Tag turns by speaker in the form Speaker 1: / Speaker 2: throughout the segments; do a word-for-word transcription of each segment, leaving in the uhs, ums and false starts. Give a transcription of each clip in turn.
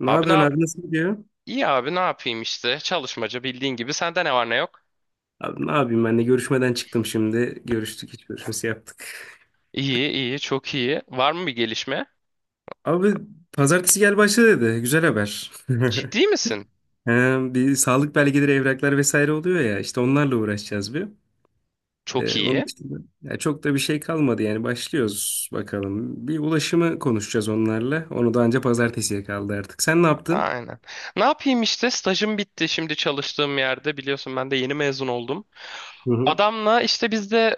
Speaker 1: Ne
Speaker 2: Abi ne
Speaker 1: yapıyorsun
Speaker 2: yap?
Speaker 1: abi, nasıl gidiyor?
Speaker 2: İyi abi ne yapayım işte. Çalışmaca bildiğin gibi. Sende ne var ne yok?
Speaker 1: Abi ne yapayım, ben de görüşmeden çıktım şimdi. Görüştük, hiç görüşmesi yaptık.
Speaker 2: İyi iyi çok iyi. Var mı bir gelişme?
Speaker 1: Abi pazartesi gel başla dedi. Güzel haber.
Speaker 2: Ciddi misin?
Speaker 1: He, bir sağlık belgeleri, evraklar vesaire oluyor ya. İşte onlarla uğraşacağız bir.
Speaker 2: Çok
Speaker 1: Ee, onun
Speaker 2: iyi.
Speaker 1: için de- ya çok da bir şey kalmadı yani, başlıyoruz bakalım. Bir ulaşımı konuşacağız onlarla. Onu da anca pazartesiye kaldı artık. Sen ne yaptın?
Speaker 2: Aynen. Ne yapayım işte stajım bitti şimdi çalıştığım yerde biliyorsun ben de yeni mezun oldum.
Speaker 1: Hı hı.
Speaker 2: Adamla işte biz de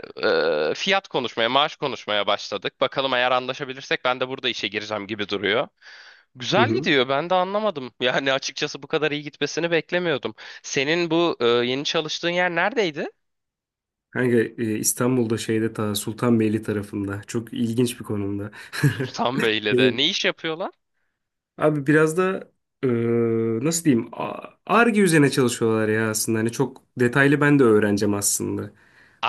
Speaker 2: e, fiyat konuşmaya, maaş konuşmaya başladık. Bakalım eğer anlaşabilirsek ben de burada işe gireceğim gibi duruyor.
Speaker 1: Hı
Speaker 2: Güzel
Speaker 1: hı.
Speaker 2: gidiyor ben de anlamadım. Yani açıkçası bu kadar iyi gitmesini beklemiyordum. Senin bu e, yeni çalıştığın yer neredeydi?
Speaker 1: Kanka e, İstanbul'da şeyde ta Sultanbeyli tarafında, çok ilginç bir konumda.
Speaker 2: Sultan Bey'le de. Ne iş yapıyorlar?
Speaker 1: Abi biraz da eee, nasıl diyeyim, ar üzerine çalışıyorlar ya aslında. Hani çok detaylı, ben de öğreneceğim aslında.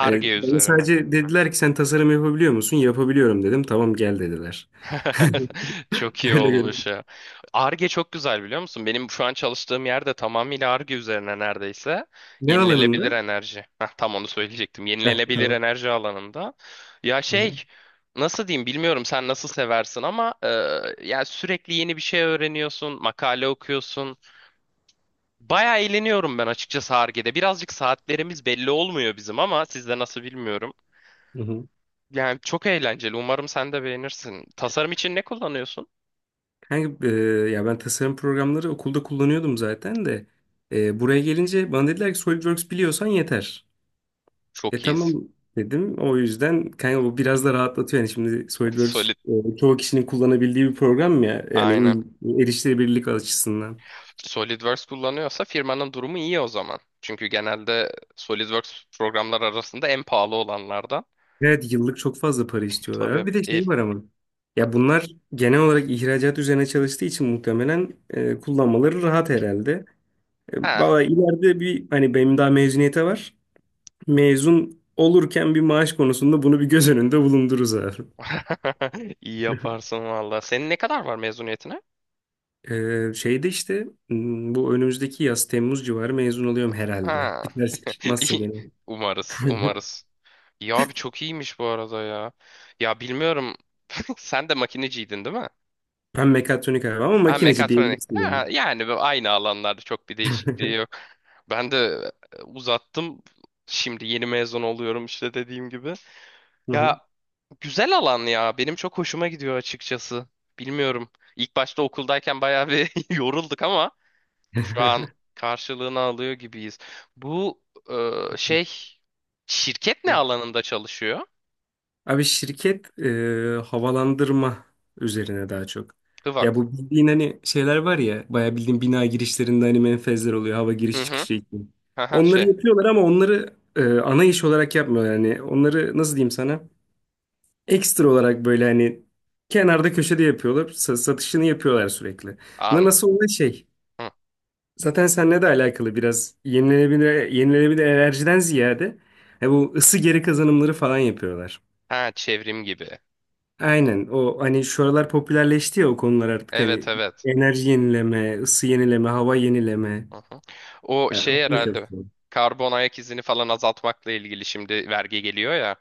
Speaker 1: Hani bana
Speaker 2: üzerine.
Speaker 1: sadece dediler ki, sen tasarım yapabiliyor musun? Yapabiliyorum dedim. Tamam gel dediler.
Speaker 2: Çok iyi
Speaker 1: Öyle görünüyor.
Speaker 2: olmuş ya. Arge çok güzel biliyor musun? Benim şu an çalıştığım yerde tamamıyla Arge üzerine neredeyse.
Speaker 1: Ne
Speaker 2: Yenilenebilir
Speaker 1: alanında?
Speaker 2: enerji. Heh, tam onu söyleyecektim.
Speaker 1: Heh,
Speaker 2: Yenilenebilir
Speaker 1: tamam.
Speaker 2: enerji alanında. Ya
Speaker 1: Hı hı.
Speaker 2: şey nasıl diyeyim bilmiyorum sen nasıl seversin ama e, ya sürekli yeni bir şey öğreniyorsun, makale okuyorsun. Bayağı eğleniyorum ben açıkçası Ar-Ge'de. Birazcık saatlerimiz belli olmuyor bizim ama sizde nasıl bilmiyorum.
Speaker 1: Hı.
Speaker 2: Yani çok eğlenceli. Umarım sen de beğenirsin. Tasarım için ne kullanıyorsun?
Speaker 1: Kanka, eee, ya ben tasarım programları okulda kullanıyordum zaten de. Eee, buraya gelince bana dediler ki SolidWorks biliyorsan yeter. E
Speaker 2: Çok
Speaker 1: tamam
Speaker 2: iyiyiz.
Speaker 1: dedim. O yüzden kanka bu biraz da rahatlatıyor. Yani şimdi SolidWorks
Speaker 2: Solid.
Speaker 1: e, çoğu kişinin kullanabildiği bir program ya. Yani
Speaker 2: Aynen.
Speaker 1: uy- erişilebilirlik açısından.
Speaker 2: SolidWorks kullanıyorsa firmanın durumu iyi o zaman. Çünkü genelde SolidWorks programlar arasında en pahalı olanlardan.
Speaker 1: Evet, yıllık çok fazla para
Speaker 2: Tabii.
Speaker 1: istiyorlar. Bir de
Speaker 2: İyi.
Speaker 1: şey var ama. Ya bunlar genel olarak ihracat üzerine çalıştığı için muhtemelen e, kullanmaları rahat herhalde. E,
Speaker 2: Ha.
Speaker 1: Valla ileride bir hani, benim daha mezuniyete var. Mezun olurken bir maaş konusunda bunu bir göz önünde bulundururuz abi.
Speaker 2: İyi yaparsın valla. Senin ne kadar var mezuniyetine?
Speaker 1: Ee, şeyde işte m, bu önümüzdeki yaz Temmuz civarı mezun oluyorum herhalde.
Speaker 2: Ha.
Speaker 1: Bir terslik çıkmazsa
Speaker 2: İyi.
Speaker 1: gene.
Speaker 2: Umarız. Umarız. Ya abi çok iyiymiş bu arada ya. Ya bilmiyorum. Sen de makineciydin değil mi?
Speaker 1: Ben mekatronik abi, ama
Speaker 2: Ha,
Speaker 1: makineci
Speaker 2: mekatronik.
Speaker 1: diyebilirsin yani.
Speaker 2: Ha, yani bu aynı alanlarda çok bir değişikliği yok. Ben de e, uzattım. Şimdi yeni mezun oluyorum işte dediğim gibi.
Speaker 1: Hı
Speaker 2: Ya
Speaker 1: hı.
Speaker 2: güzel alan ya. Benim çok hoşuma gidiyor açıkçası. Bilmiyorum. İlk başta okuldayken bayağı bir yorulduk ama şu an karşılığını alıyor gibiyiz. Bu e, şey şirket ne alanında çalışıyor?
Speaker 1: Abi şirket e, havalandırma üzerine daha çok. Ya
Speaker 2: Hıvak.
Speaker 1: bu bildiğin hani şeyler var ya, bayağı bildiğin bina girişlerinde hani menfezler oluyor, hava
Speaker 2: Hı
Speaker 1: giriş
Speaker 2: hı.
Speaker 1: çıkışı için.
Speaker 2: Aha,
Speaker 1: Onları
Speaker 2: şey.
Speaker 1: yapıyorlar ama onları e, ana iş olarak yapmıyorlar yani. Onları nasıl diyeyim sana? Ekstra olarak böyle hani kenarda köşede yapıyorlar. Sa- satışını yapıyorlar sürekli. Buna
Speaker 2: An.
Speaker 1: nasıl oluyor şey?
Speaker 2: Hı.
Speaker 1: Zaten seninle de alakalı biraz, yenilenebilir, yenilenebilir enerjiden ziyade e, bu ısı geri kazanımları falan yapıyorlar.
Speaker 2: Ha çevrim gibi.
Speaker 1: Aynen, o hani şu aralar popülerleşti ya o konular artık
Speaker 2: Evet
Speaker 1: hani,
Speaker 2: evet.
Speaker 1: enerji yenileme, ısı yenileme, hava yenileme.
Speaker 2: Hı hı. O
Speaker 1: Ha,
Speaker 2: şey
Speaker 1: onu da çok
Speaker 2: herhalde
Speaker 1: seviyorum.
Speaker 2: karbon ayak izini falan azaltmakla ilgili şimdi vergi geliyor ya.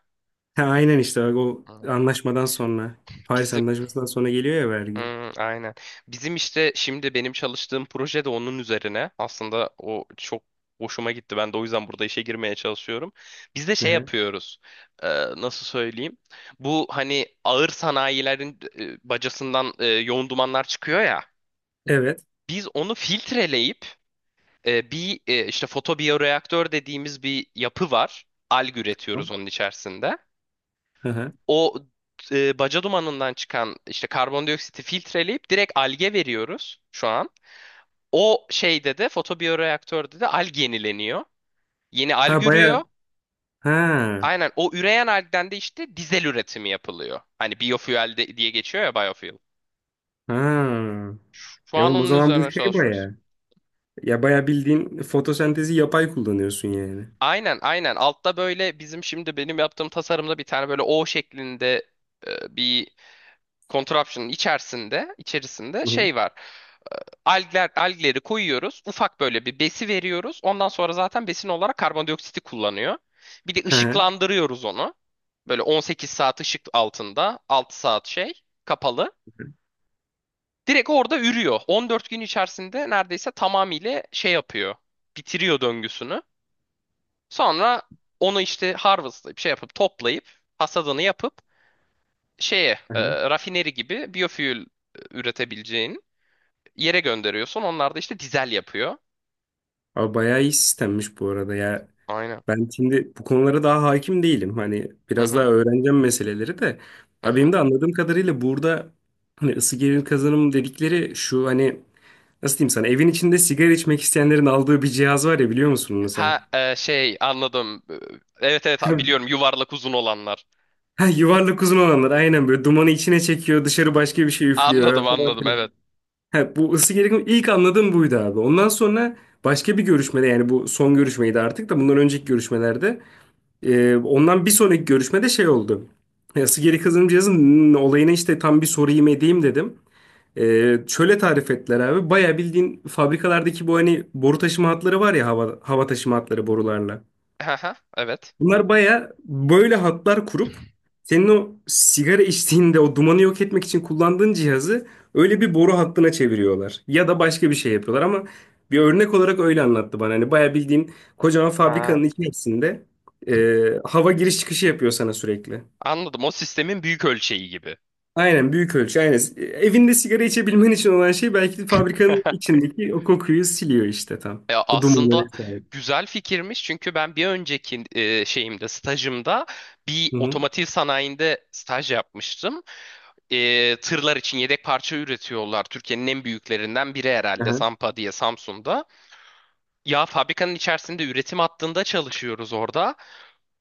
Speaker 1: Ha, aynen işte bak, o
Speaker 2: Hı.
Speaker 1: anlaşmadan sonra, Paris
Speaker 2: Bizim
Speaker 1: Anlaşması'ndan sonra geliyor ya vergi.
Speaker 2: Hı, aynen. Bizim işte şimdi benim çalıştığım proje de onun üzerine. Aslında o çok hoşuma gitti. Ben de o yüzden burada işe girmeye çalışıyorum. Biz de
Speaker 1: Hı
Speaker 2: şey
Speaker 1: hı.
Speaker 2: yapıyoruz. Ee, Nasıl söyleyeyim? Bu hani ağır sanayilerin e, bacasından e, yoğun dumanlar çıkıyor ya.
Speaker 1: Evet.
Speaker 2: Biz onu filtreleyip e, bir e, işte fotobiyoreaktör dediğimiz bir yapı var. Alg üretiyoruz onun içerisinde.
Speaker 1: Hı hı.
Speaker 2: O e, baca dumanından çıkan işte karbondioksiti filtreleyip direkt alge veriyoruz şu an. O şeyde de fotobiyoreaktörde de alg yenileniyor. Yeni
Speaker 1: Ha
Speaker 2: alg
Speaker 1: baya.
Speaker 2: ürüyor.
Speaker 1: Ha.
Speaker 2: Aynen o üreyen algden de işte dizel üretimi yapılıyor. Hani biofuel de- diye geçiyor ya biofuel.
Speaker 1: Ha.
Speaker 2: Şu şu
Speaker 1: E
Speaker 2: an
Speaker 1: oğlum o
Speaker 2: onun
Speaker 1: zaman bu
Speaker 2: üzerine
Speaker 1: şey
Speaker 2: çalışıyoruz.
Speaker 1: baya. Ya baya bildiğin fotosentezi yapay kullanıyorsun yani.
Speaker 2: Aynen aynen altta böyle bizim şimdi benim yaptığım tasarımda bir tane böyle O şeklinde e, bir Contraption'ın içerisinde, içerisinde
Speaker 1: Hı hı.
Speaker 2: şey var. Algler, algleri koyuyoruz. Ufak böyle bir besi veriyoruz. Ondan sonra zaten besin olarak karbondioksiti kullanıyor. Bir de
Speaker 1: Hı hı.
Speaker 2: ışıklandırıyoruz onu. Böyle on sekiz saat ışık altında, altı saat şey kapalı. Direkt orada ürüyor. on dört gün içerisinde neredeyse tamamıyla şey yapıyor. Bitiriyor döngüsünü. Sonra onu işte harvestlayıp şey yapıp toplayıp hasadını yapıp şeye
Speaker 1: Hı
Speaker 2: e,
Speaker 1: hı.
Speaker 2: rafineri gibi biofuel e, üretebileceğini yere gönderiyorsun. Onlar da işte dizel yapıyor.
Speaker 1: Abi bayağı iyi sistemmiş bu arada ya.
Speaker 2: Aynen.
Speaker 1: Ben şimdi bu konulara daha hakim değilim. Hani
Speaker 2: Hı
Speaker 1: biraz daha
Speaker 2: hı.
Speaker 1: öğreneceğim meseleleri de.
Speaker 2: Hı
Speaker 1: Abi benim
Speaker 2: hı.
Speaker 1: de anladığım kadarıyla burada hani ısı gerilim kazanım dedikleri şu hani, nasıl diyeyim sana, evin içinde sigara içmek isteyenlerin aldığı bir cihaz var ya, biliyor musun onu sen?
Speaker 2: Ha e, şey anladım. Evet evet biliyorum yuvarlak uzun olanlar.
Speaker 1: Ha, yuvarlak uzun olanlar, aynen böyle dumanı içine çekiyor, dışarı başka bir şey
Speaker 2: Anladım
Speaker 1: üflüyor.
Speaker 2: anladım evet.
Speaker 1: He, bu ısı gerilimi ilk anladığım buydu abi. Ondan sonra başka bir görüşmede, yani bu son görüşmeydi artık da, bundan önceki görüşmelerde, e, ondan bir sonraki görüşmede şey oldu. E, Isı geri kazanım cihazının olayına işte tam bir sorayım edeyim dedim. E, şöyle tarif ettiler abi. Baya bildiğin fabrikalardaki bu hani boru taşıma hatları var ya, hava, hava taşıma hatları borularla.
Speaker 2: Hı hı. Evet.
Speaker 1: Bunlar baya böyle hatlar kurup senin o sigara içtiğinde o dumanı yok etmek için kullandığın cihazı öyle bir boru hattına çeviriyorlar. Ya da başka bir şey yapıyorlar ama bir örnek olarak öyle anlattı bana. Hani baya bildiğin kocaman
Speaker 2: Ha.
Speaker 1: fabrikanın içerisinde e, hava giriş çıkışı yapıyor sana sürekli.
Speaker 2: Anladım o sistemin büyük ölçeği gibi.
Speaker 1: Aynen, büyük ölçü aynen. E, Evinde sigara içebilmen için olan şey belki de fabrikanın içindeki o kokuyu siliyor işte tam.
Speaker 2: Ya
Speaker 1: O dumanı
Speaker 2: aslında
Speaker 1: vesaire.
Speaker 2: güzel fikirmiş çünkü ben bir önceki e, şeyimde stajımda bir
Speaker 1: Hı hı.
Speaker 2: otomotiv sanayinde staj yapmıştım. E, tırlar için yedek parça üretiyorlar. Türkiye'nin en büyüklerinden biri herhalde
Speaker 1: Aha,
Speaker 2: Sampa diye Samsun'da. Ya fabrikanın içerisinde üretim hattında çalışıyoruz orada.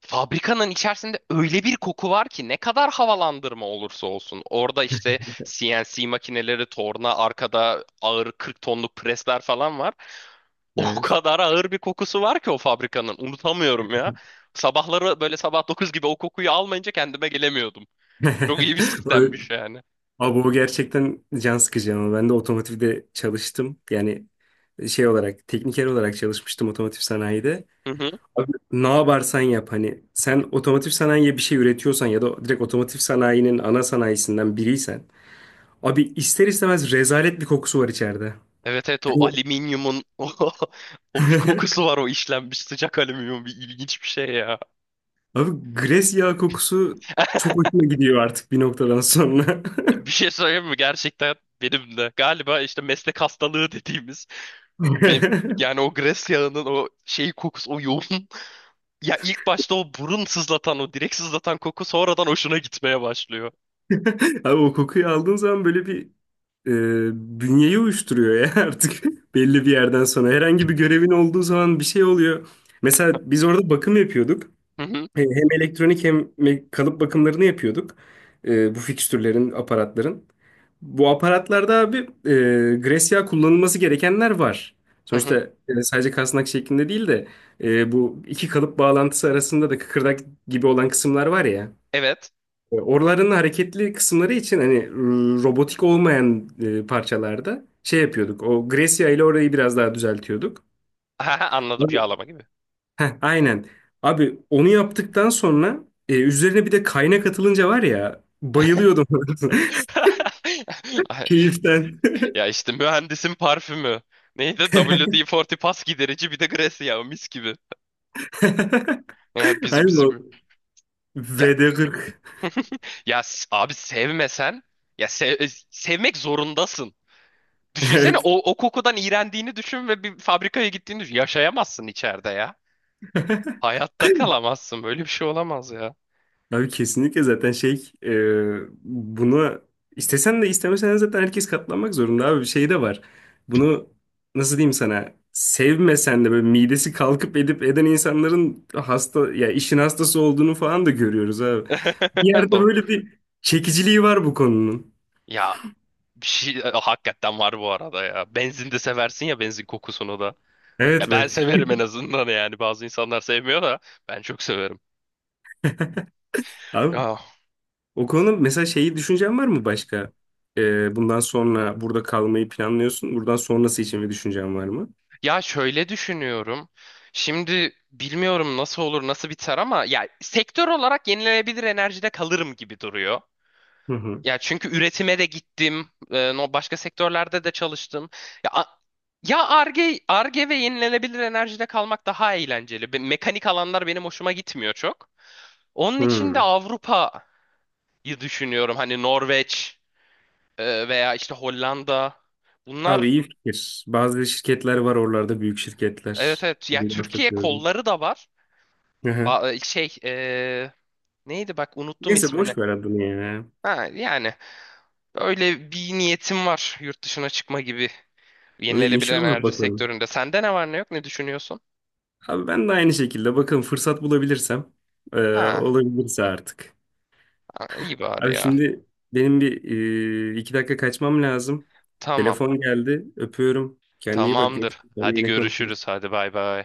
Speaker 2: Fabrikanın içerisinde öyle bir koku var ki ne kadar havalandırma olursa olsun. Orada işte C N C makineleri, torna, arkada ağır kırk tonluk presler falan var. O
Speaker 1: evet.
Speaker 2: kadar ağır bir kokusu var ki o fabrikanın. Unutamıyorum ya. Sabahları böyle sabah dokuz gibi o kokuyu almayınca kendime gelemiyordum. Çok iyi bir
Speaker 1: Böyle.
Speaker 2: sistemmiş yani.
Speaker 1: Abi o gerçekten can sıkıcı ama ben de otomotivde çalıştım. Yani şey olarak, tekniker olarak çalışmıştım otomotiv sanayide.
Speaker 2: Hı hı.
Speaker 1: Abi, ne yaparsan yap, hani sen otomotiv sanayiye bir şey üretiyorsan ya da direkt otomotiv sanayinin ana sanayisinden biriysen abi, ister istemez rezalet bir kokusu var içeride.
Speaker 2: Evet evet o
Speaker 1: Yani
Speaker 2: alüminyumun o, o bir kokusu var o işlenmiş sıcak alüminyum bir ilginç bir şey ya.
Speaker 1: abi gres yağı kokusu çok hoşuma gidiyor artık bir noktadan sonra.
Speaker 2: Bir şey söyleyeyim mi? Gerçekten benim de galiba işte meslek hastalığı dediğimiz benim, yani o gres yağının o şey kokusu o yoğun ya ilk başta o burun sızlatan o direkt sızlatan koku sonradan hoşuna gitmeye başlıyor.
Speaker 1: Abi o kokuyu aldığın zaman böyle bir, e, bünyeyi uyuşturuyor ya artık, belli bir yerden sonra. Herhangi bir görevin olduğu zaman bir şey oluyor. Mesela biz orada bakım yapıyorduk.
Speaker 2: Hı hı,
Speaker 1: E, Hem elektronik hem me- kalıp bakımlarını yapıyorduk. E, bu fikstürlerin, aparatların. Bu aparatlarda abi, e, Grecia kullanılması gerekenler var.
Speaker 2: hı
Speaker 1: Sonuçta
Speaker 2: hı.
Speaker 1: e, sadece kasnak şeklinde değil de e, bu iki kalıp bağlantısı arasında da kıkırdak gibi olan kısımlar var ya.
Speaker 2: Evet.
Speaker 1: E, Oraların hareketli kısımları için hani r- robotik olmayan e, parçalarda şey yapıyorduk. O Gracia ile orayı biraz daha düzeltiyorduk.
Speaker 2: Aha, anladım
Speaker 1: Abi,
Speaker 2: yağlama gibi.
Speaker 1: heh, aynen. Abi onu yaptıktan sonra e, üzerine bir de kaynak atılınca var ya, bayılıyordum
Speaker 2: Ay,
Speaker 1: keyiften.
Speaker 2: ya işte mühendisin parfümü. Neydi? W D kırk pas giderici bir de gres yağı mis gibi. Yani bizim
Speaker 1: Aynen o.
Speaker 2: bizim ya,
Speaker 1: V D kırk.
Speaker 2: ya s- abi sevmesen ya sev- sevmek zorundasın. Düşünsene o, o kokudan iğrendiğini düşün ve bir fabrikaya gittiğini düşün. Yaşayamazsın içeride ya. Hayatta kalamazsın. Böyle bir şey olamaz ya.
Speaker 1: Abi kesinlikle, zaten şey, e, buna istesen de istemesen de zaten herkes katlanmak zorunda abi, bir şey de var. Bunu, nasıl diyeyim sana, sevmesen de böyle midesi kalkıp edip eden insanların hasta ya, işin hastası olduğunu falan da görüyoruz abi. Bir yerde
Speaker 2: Do.
Speaker 1: böyle bir çekiciliği var bu konunun.
Speaker 2: Ya bir şey e, hakikaten var bu arada ya. Benzin de seversin ya benzin kokusunu da.
Speaker 1: Evet
Speaker 2: Ya ben
Speaker 1: bak
Speaker 2: severim en azından yani. Bazı insanlar sevmiyor da ben çok severim.
Speaker 1: abi,
Speaker 2: Ya,
Speaker 1: o konuda mesela şeyi, düşüncen var mı başka? E, bundan sonra burada kalmayı planlıyorsun. Buradan sonrası için bir düşüncen var mı?
Speaker 2: ya şöyle düşünüyorum. Şimdi bilmiyorum nasıl olur nasıl biter ama ya sektör olarak yenilenebilir enerjide kalırım gibi duruyor.
Speaker 1: Hı hı.
Speaker 2: Ya çünkü üretime de gittim. E, no başka sektörlerde de çalıştım. Ya a- ya Ar-Ge, Ar-Ge ve yenilenebilir enerjide kalmak daha eğlenceli. Be- Mekanik alanlar benim hoşuma gitmiyor çok. Onun için de
Speaker 1: Hı.
Speaker 2: Avrupa'yı düşünüyorum. Hani Norveç e, veya işte Hollanda.
Speaker 1: Abi
Speaker 2: Bunlar
Speaker 1: iyi fikir. Bazı şirketler var oralarda, büyük
Speaker 2: evet
Speaker 1: şirketler.
Speaker 2: evet. Ya
Speaker 1: Bundan çok
Speaker 2: Türkiye
Speaker 1: gördüm.
Speaker 2: kolları da var.
Speaker 1: Hı hı.
Speaker 2: Ba- e, şey e, Neydi bak unuttum
Speaker 1: Neyse
Speaker 2: ismini.
Speaker 1: boş ver adını ya.
Speaker 2: Ha, yani öyle bir niyetim var yurt dışına çıkma gibi.
Speaker 1: Böyle
Speaker 2: Yenilenebilir
Speaker 1: İnşallah
Speaker 2: enerji
Speaker 1: bakalım.
Speaker 2: sektöründe. Sende ne var ne yok ne düşünüyorsun?
Speaker 1: Abi ben de aynı şekilde bakın, fırsat bulabilirsem e,
Speaker 2: Ha,
Speaker 1: olabilirse artık.
Speaker 2: ha, iyi bari
Speaker 1: Abi
Speaker 2: ya.
Speaker 1: şimdi benim bir, e, iki dakika kaçmam lazım.
Speaker 2: Tamam.
Speaker 1: Telefon geldi. Öpüyorum. Kendine iyi bak.
Speaker 2: Tamamdır.
Speaker 1: Sonra
Speaker 2: Hadi
Speaker 1: yine konuşuruz.
Speaker 2: görüşürüz. Hadi bay bay.